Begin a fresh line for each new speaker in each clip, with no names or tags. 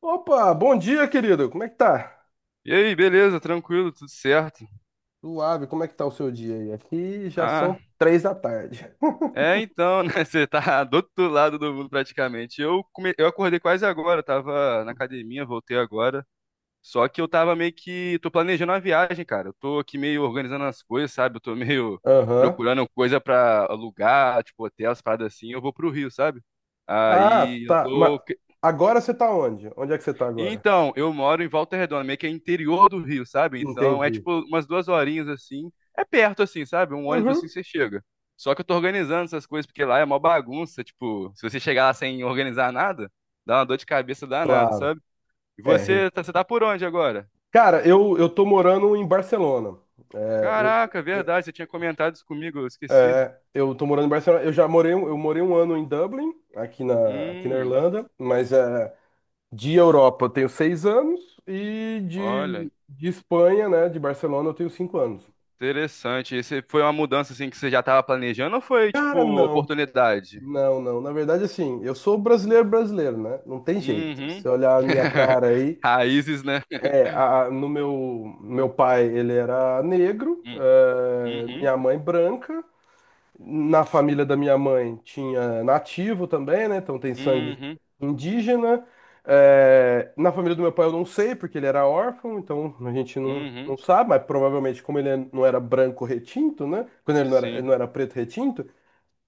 Opa, bom dia, querido. Como é que tá?
E aí, beleza? Tranquilo, tudo certo?
Suave, como é que tá o seu dia aí? Aqui já
Ah,
são três da tarde.
é então, né? Você tá do outro lado do mundo praticamente. Eu acordei quase agora, eu tava na academia, voltei agora. Só que eu tava meio que. Tô planejando uma viagem, cara. Eu tô aqui meio organizando as coisas, sabe? Eu tô meio
Aham.
procurando coisa pra alugar, tipo hotel, as paradas assim. Eu vou pro Rio, sabe?
Ah,
Aí eu
tá. Mas
tô.
agora você tá onde? Onde é que você tá agora?
Então, eu moro em Volta Redonda, meio que é interior do Rio, sabe? Então, é
Entendi.
tipo umas duas horinhas assim. É perto assim, sabe? Um ônibus assim
Uhum.
você chega. Só que eu tô organizando essas coisas porque lá é mó bagunça, tipo, se você chegar lá sem organizar nada, dá uma dor de cabeça danada,
Claro.
sabe? E
É.
você, você tá por onde agora?
Cara, eu tô morando em Barcelona. É,
Caraca,
eu,
verdade, você tinha comentado isso comigo, eu esqueci.
eu tô morando em Barcelona. Eu já morei, eu morei um ano em Dublin, aqui na
Hum,
Irlanda, mas é, de Europa eu tenho seis anos e
olha,
de Espanha, né, de Barcelona eu tenho cinco anos.
interessante. Esse foi uma mudança assim que você já tava planejando ou foi
Cara,
tipo
não.
oportunidade?
Não. Na verdade, assim, eu sou brasileiro brasileiro, né? Não tem jeito.
Uhum.
Se eu olhar a minha cara aí,
Raízes, né?
é, a- no meu, meu pai ele era negro,
Hum,
é,
uhum,
minha mãe branca. Na família da minha mãe tinha nativo também, né? Então tem sangue
uhum,
indígena. É, na família do meu pai eu não sei, porque ele era órfão, então a gente
uhum,
não sabe, mas provavelmente como ele não era branco retinto, né? Quando ele
sim,
não era preto retinto,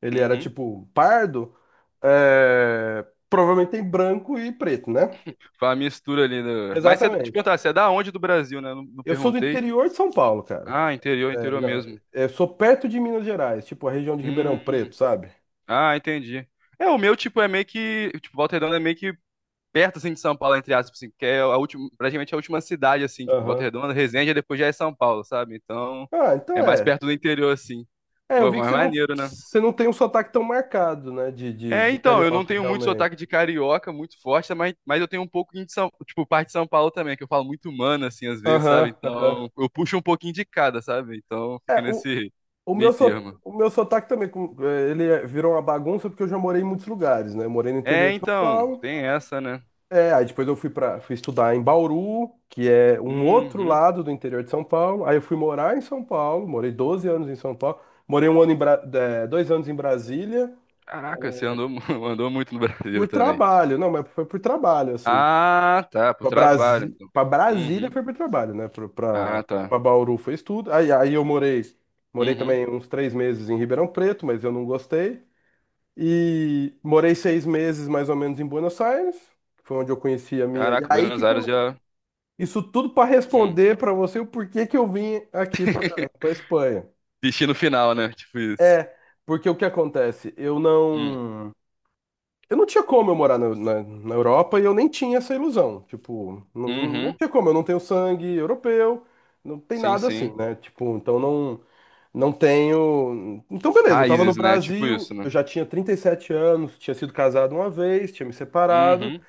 ele era
uhum.
tipo pardo, é, provavelmente tem branco e preto, né?
Foi uma mistura ali. No mas você, te
Exatamente.
perguntar, você é da onde do Brasil, né? Não, não
Eu sou do
perguntei.
interior de São Paulo, cara.
Ah, interior,
É,
interior
não,
mesmo.
eu sou perto de Minas Gerais, tipo a região de Ribeirão
Hum,
Preto, sabe?
ah, entendi. É, o meu, tipo, é meio que, tipo, Volta Redonda é meio que perto, assim, de São Paulo, entre aspas, assim, que é a última, praticamente a última cidade, assim, tipo, Volta
Aham.
Redonda, Resende, aí depois já é São Paulo, sabe? Então,
Ah, então
é mais
é.
perto do interior, assim.
É, eu
Pô,
vi que
mas maneiro, né?
você não tem um sotaque tão marcado, né?
É,
De
então, eu não
carioca,
tenho muito
realmente.
sotaque de carioca, muito forte, mas, eu tenho um pouco de São, tipo, parte de São Paulo também, que eu falo muito mano, assim, às vezes,
Aham,
sabe?
aham.
Então, eu puxo um pouquinho de cada, sabe? Então,
É,
fica nesse meio termo.
o meu sotaque também, é, virou uma bagunça porque eu já morei em muitos lugares, né? Eu morei no interior
É,
de São
então,
Paulo.
tem essa, né?
É, aí depois eu fui estudar em Bauru, que é um outro
Uhum.
lado do interior de São Paulo. Aí eu fui morar em São Paulo, morei 12 anos em São Paulo. Morei um ano em é, dois anos em Brasília
Caraca, você andou, andou muito no Brasil
por
também.
trabalho. Não, mas foi por trabalho, assim.
Ah, tá, pro trabalho, então.
Pra Brasília
Uhum.
foi para trabalho, né?
Ah, tá.
Pra Bauru foi estudo. Aí eu morei, morei
Uhum.
também uns três meses em Ribeirão Preto, mas eu não gostei. E morei seis meses mais ou menos em Buenos Aires, que foi onde eu conheci a minha. E
Caraca,
aí
Buenos
que
Aires já...
isso tudo para
Hum.
responder para você o porquê que eu vim aqui para Espanha.
Destino final, né? Tipo isso.
É, porque o que acontece? Eu
Hum.
não. Eu não tinha como eu morar na Europa e eu nem tinha essa ilusão. Tipo, não
Uhum.
tinha como, eu não tenho sangue europeu, não tem
Sim,
nada assim,
sim.
né? Tipo, então não tenho. Então, beleza, eu tava no
Raízes, né? Tipo
Brasil,
isso, né?
eu já tinha 37 anos, tinha sido casado uma vez, tinha me separado.
Uhum.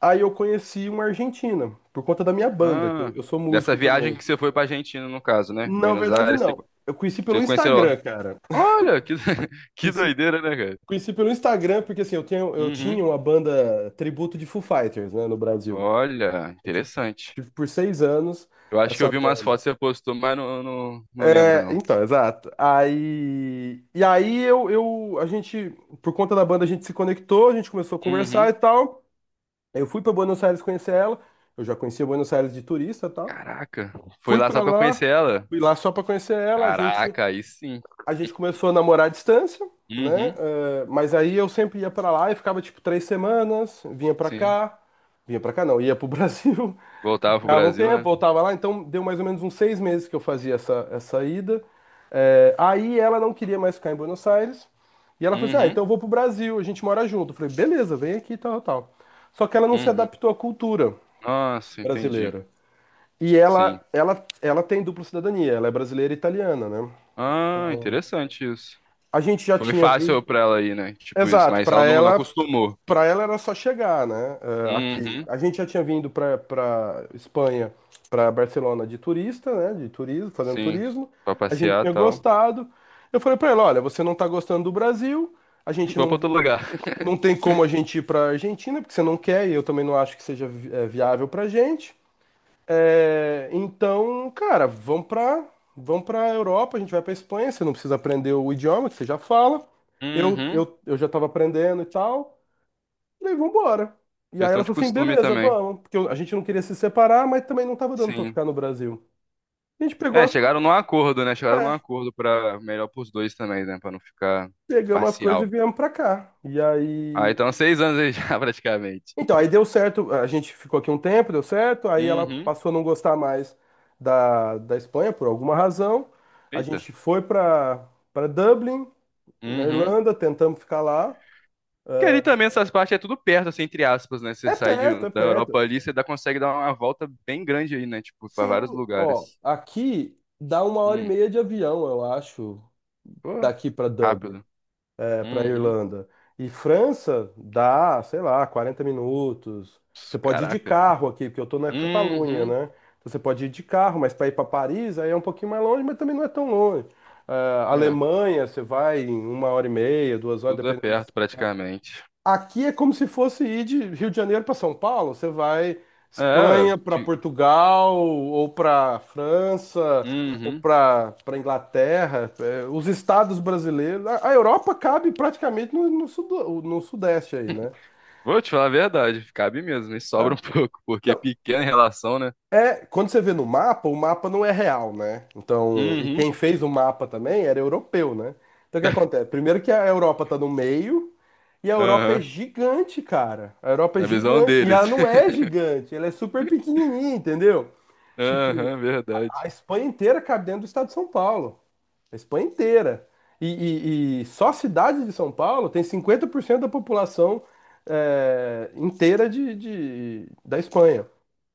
Aí eu conheci uma argentina, por conta da minha banda, que
Ah,
eu sou
dessa
músico
viagem
também.
que você foi pra Argentina, no caso, né?
Na
Buenos
verdade,
Aires, você
não. Eu conheci pelo
você conheceu.
Instagram, cara.
Olha, que, que
Conheci,
doideira, né, cara?
conheci pelo Instagram, porque assim, eu
Uhum.
tinha uma banda tributo de Foo Fighters, né, no Brasil.
Olha,
Eu tive,
interessante.
tive por seis anos
Eu acho que eu
essa
vi umas
banda.
fotos que você postou, mas não, não, não lembro,
É,
não.
então, exato. Aí, e aí eu, a gente, por conta da banda, a gente se conectou, a gente começou a conversar
Uhum.
e tal. Eu fui para Buenos Aires conhecer ela. Eu já conhecia Buenos Aires de turista e tal.
Caraca, foi
Fui
lá
para
só pra
lá,
conhecer ela?
fui lá só para conhecer ela.
Caraca, aí sim.
A gente começou a namorar à distância, né?
Uhum.
É, mas aí eu sempre ia para lá e ficava tipo três semanas,
Sim.
vinha para cá não, ia pro Brasil.
Voltava pro
Dava um
Brasil,
tempo,
né?
voltava lá, então deu mais ou menos uns seis meses que eu fazia essa ida. É, aí ela não queria mais ficar em Buenos Aires, e ela falou assim: ah,
Uhum.
então eu vou pro Brasil, a gente mora junto. Eu falei: beleza, vem aqui, tal, tal. Só que ela não se
Uhum.
adaptou à cultura
Nossa, entendi.
brasileira. E
Sim.
ela tem dupla cidadania, ela é brasileira e italiana, né?
Ah,
Então,
interessante isso.
a gente já
Foi
tinha vindo.
fácil pra ela ir, né? Tipo isso,
Exato,
mas ela não, não acostumou.
para ela era só chegar, né? Aqui.
Uhum,
A gente já tinha vindo para Espanha, para Barcelona de turista, né? De turismo, fazendo
sim.
turismo.
Pra
A gente
passear e
tinha
tal.
gostado. Eu falei para ela, olha, você não tá gostando do Brasil. A gente
Vou pra outro lugar.
não tem como a gente ir para Argentina porque você não quer e eu também não acho que seja viável para gente. Então, cara, vamos para Europa. A gente vai para Espanha. Você não precisa aprender o idioma que você já fala.
Uhum.
Eu já estava aprendendo e tal. Falei, vambora. E aí
Questão
ela
de
falou assim,
costume
beleza,
também.
vamos. Porque a gente não queria se separar, mas também não tava dando pra
Sim.
ficar no Brasil. A gente pegou
É,
as
chegaram num acordo, né? Chegaram num
coisas,
acordo pra melhor pros dois também, né? Pra não ficar
pegamos as coisas
parcial.
e viemos pra cá. E
Ah,
aí.
então seis anos aí já, praticamente.
Então, aí deu certo. A gente ficou aqui um tempo, deu certo. Aí ela
Uhum.
passou a não gostar mais da Espanha por alguma razão. A
Eita.
gente foi pra Dublin, na
Uhum.
Irlanda, tentamos ficar lá.
Que ali também essas partes é tudo perto, assim, entre aspas, né? Você sai
É
da Europa
perto.
ali, você dá, consegue dar uma volta bem grande aí, né? Tipo, pra vários
Sim, ó,
lugares.
aqui dá uma hora e
Hum.
meia de avião, eu acho,
Pô,
daqui pra Dublin,
rápido.
para a
Uhum.
Irlanda. E França dá, sei lá, 40 minutos.
Ps,
Você pode ir de
caraca.
carro aqui, porque eu estou na Catalunha,
Uhum.
né? Então você pode ir de carro, mas para ir para Paris aí é um pouquinho mais longe, mas também não é tão longe. Ah,
É,
Alemanha, você vai em uma hora e meia, duas horas,
tudo é
dependendo.
perto praticamente.
Aqui é como se fosse ir de Rio de Janeiro para São Paulo. Você vai
É, eu
Espanha para
te...
Portugal ou para França ou
Uhum.
para Inglaterra. É, os estados brasileiros, a Europa cabe praticamente no sudeste aí, né?
Vou te falar a verdade, cabe mesmo, e sobra
Ah,
um pouco, porque é
não,
pequena em relação, né?
é, quando você vê no mapa, o mapa não é real, né? Então, e
Uhum.
quem fez o mapa também era europeu, né? Então o que acontece? Primeiro que a Europa está no meio. E a Europa é
Aham.
gigante, cara. A Europa é
Na visão
gigante. E
deles.
ela não é gigante, ela é super pequenininha, entendeu? Tipo,
Aham,
a
verdade.
Espanha inteira cabe dentro do estado de São Paulo. A Espanha inteira. E, e só a cidade de São Paulo tem 50% da população é, inteira da Espanha.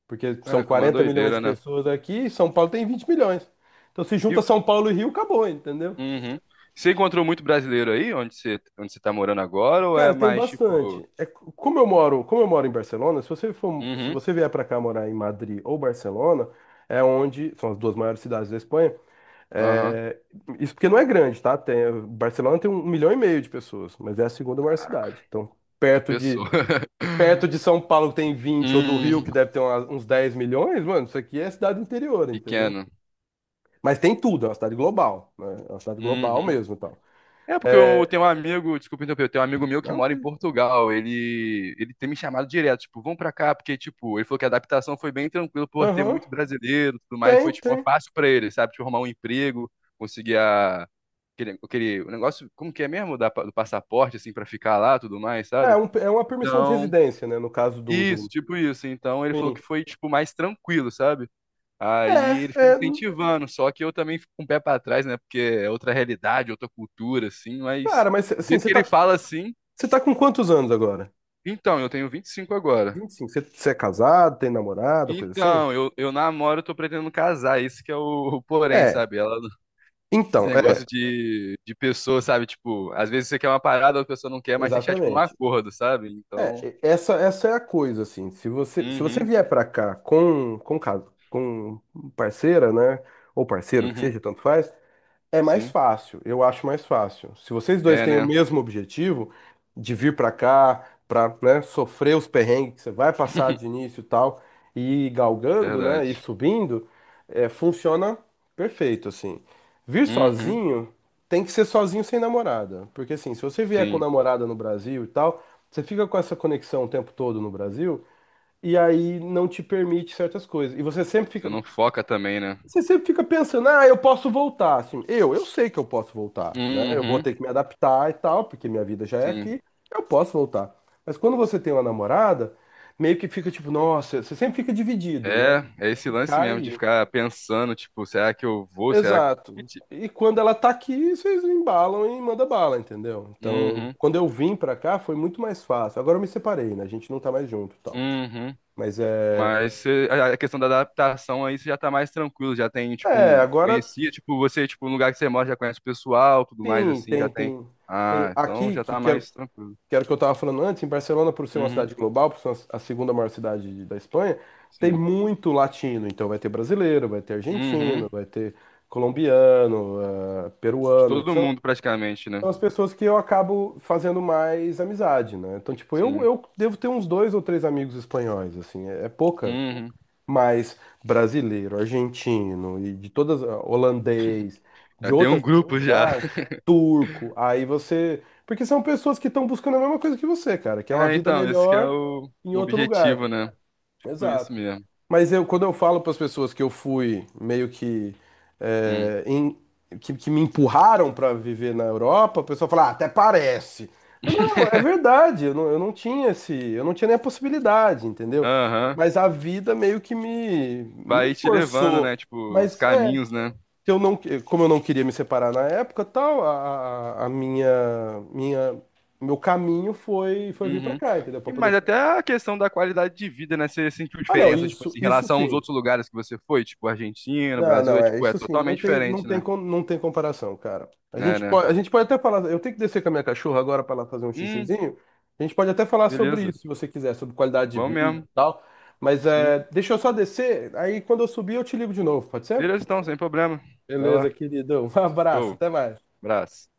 Porque são
Ah, que uma
40 milhões de
doideira, né?
pessoas aqui e São Paulo tem 20 milhões. Então se junta
E
São Paulo e Rio, acabou, entendeu?
uhum. Você encontrou muito brasileiro aí, onde você tá morando agora, ou é
Cara, tem
mais tipo.
bastante. É, como eu moro em Barcelona, se
Uhum.
você vier para cá morar em Madrid ou Barcelona, é onde são as duas maiores cidades da Espanha.
Aham.
É, isso porque não é grande, tá? Tem, Barcelona tem um milhão e meio de pessoas, mas é a segunda maior
Caraca,
cidade. Então,
fica
perto de
pessoa.
perto de São Paulo que tem vinte ou do Rio que
Hum,
deve ter uns 10 milhões, mano, isso aqui é cidade interior, entendeu?
pequeno.
Mas tem tudo, é uma cidade global, né? É uma cidade global
Uhum.
mesmo, e tal.
É, porque eu
É,
tenho um amigo, desculpa interromper, eu tenho um amigo meu que
não,
mora em Portugal. Ele, tem me chamado direto, tipo, vão pra cá, porque, tipo, ele falou que a adaptação foi bem tranquila por ter
aham,
muito brasileiro e tudo mais. Foi, tipo,
tem.
fácil pra ele, sabe? Tipo, arrumar um emprego, conseguir a, aquele, o negócio, como que é mesmo? Da, do passaporte, assim, pra ficar lá tudo mais,
É,
sabe?
é uma permissão de
Então,
residência, né? No caso
isso,
do...
tipo isso. Então, ele falou que
Sim.
foi, tipo, mais tranquilo, sabe?
É,
Aí ele fica me
é...
incentivando, só que eu também fico com o pé pra trás, né? Porque é outra realidade, outra cultura, assim, mas
Cara, mas
do
assim,
jeito que ele fala assim,
você tá com quantos anos agora?
então, eu tenho 25 agora.
25. Você é casado, tem namorada, coisa assim?
Então, eu namoro, eu tô pretendendo casar, isso que é o porém,
É.
sabe? Ela, esse
Então,
negócio
é.
de pessoa, sabe? Tipo, às vezes você quer uma parada, a pessoa não quer, mas tem que chegar, tipo, num
Exatamente.
acordo, sabe?
É,
Então,
essa é a coisa, assim. Se você
uhum,
vier pra cá caso, com parceira, né? Ou parceiro, que
uhum,
seja, tanto faz. É mais
sim,
fácil, eu acho mais fácil. Se vocês dois
é,
têm o
né?
mesmo objetivo de vir pra cá, pra, né, sofrer os perrengues que você vai passar de início e tal, e ir galgando, né, e
Verdade.
subindo, é, funciona perfeito, assim. Vir
Uhum,
sozinho tem que ser sozinho sem namorada, porque assim, se você vier com
sim.
namorada no Brasil e tal, você fica com essa conexão o tempo todo no Brasil e aí não te permite certas coisas. E você sempre
Você
fica.
não foca também, né?
Você sempre fica pensando, ah, eu posso voltar, assim, eu sei que eu posso voltar, né? Eu vou
Uhum,
ter que me adaptar e tal, porque minha vida já é
sim.
aqui, eu posso voltar. Mas quando você tem uma namorada, meio que fica tipo, nossa, você sempre fica dividido, né?
É, é esse lance
Ficar
mesmo de
aí.
ficar pensando, tipo, será que eu vou? Será que.
Exato.
Tipo,
E quando ela tá aqui, vocês embalam e manda bala, entendeu? Então,
uhum,
quando eu vim pra cá, foi muito mais fácil. Agora eu me separei, né? A gente não tá mais junto, e tal.
uhum.
Mas é,
Mas você- a questão da adaptação aí você já tá mais tranquilo, já tem, tipo,
é,
um.
agora
Conhecia, tipo, você, tipo, no lugar que você mora já conhece o pessoal, tudo mais
sim,
assim, já tem.
tem
Ah, então
aqui
já
que
tá
que é
mais tranquilo.
que era o que eu estava falando antes, em Barcelona, por ser uma
Uhum,
cidade global, por ser a segunda maior cidade da Espanha, tem
sim.
muito latino. Então vai ter brasileiro, vai ter argentino,
Uhum.
vai ter colombiano,
De
peruano, que
todo
são,
mundo praticamente,
são
né?
as pessoas que eu acabo fazendo mais amizade, né? Então, tipo,
Sim.
eu devo ter uns dois ou três amigos espanhóis, assim, é, é pouca.
Uhum.
Mas brasileiro, argentino e de todas, ah, holandês, de
Já tem um
outras
grupo já.
nacionalidades, turco, aí você. Porque são pessoas que estão buscando a mesma coisa que você, cara, que é uma
É,
vida
então, esse que é
melhor em
o
outro lugar.
objetivo, né? Tipo, isso
Exato.
mesmo.
Mas eu, quando eu falo para as pessoas que eu fui meio que,
Hum.
é, em- que me empurraram para viver na Europa, a pessoa fala, ah, até parece. Eu falo, não, é verdade, eu não tinha esse, eu não tinha nem a possibilidade, entendeu?
Aham.
Mas a vida meio que me, não
Vai te levando, né?
forçou,
Tipo, os
mas é,
caminhos, né?
que eu não, como eu não queria me separar na época, tal, meu caminho foi, foi vir para
Uhum.
cá, entendeu? Para
E,
poder
mas
ficar.
até a questão da qualidade de vida, né? Você sentiu
Ah, não,
diferença, tipo
isso,
assim, em
isso
relação aos
sim.
outros lugares que você foi, tipo Argentina, Brasil,
Não,
é
é
tipo, é
isso sim.
totalmente diferente, né?
Não tem comparação, cara.
É, né?
A gente pode até falar. Eu tenho que descer com a minha cachorra agora para ela fazer um
Hum,
xixizinho. A gente pode até falar sobre
beleza.
isso, se você quiser, sobre qualidade de
Vamos
vida
mesmo.
e tal. Mas
Sim.
é, deixa eu só descer. Aí quando eu subir, eu te ligo de novo, pode ser?
Beleza, então, sem problema. Vai
Beleza,
lá.
querido. Um abraço,
Show.
até mais.
Abraço.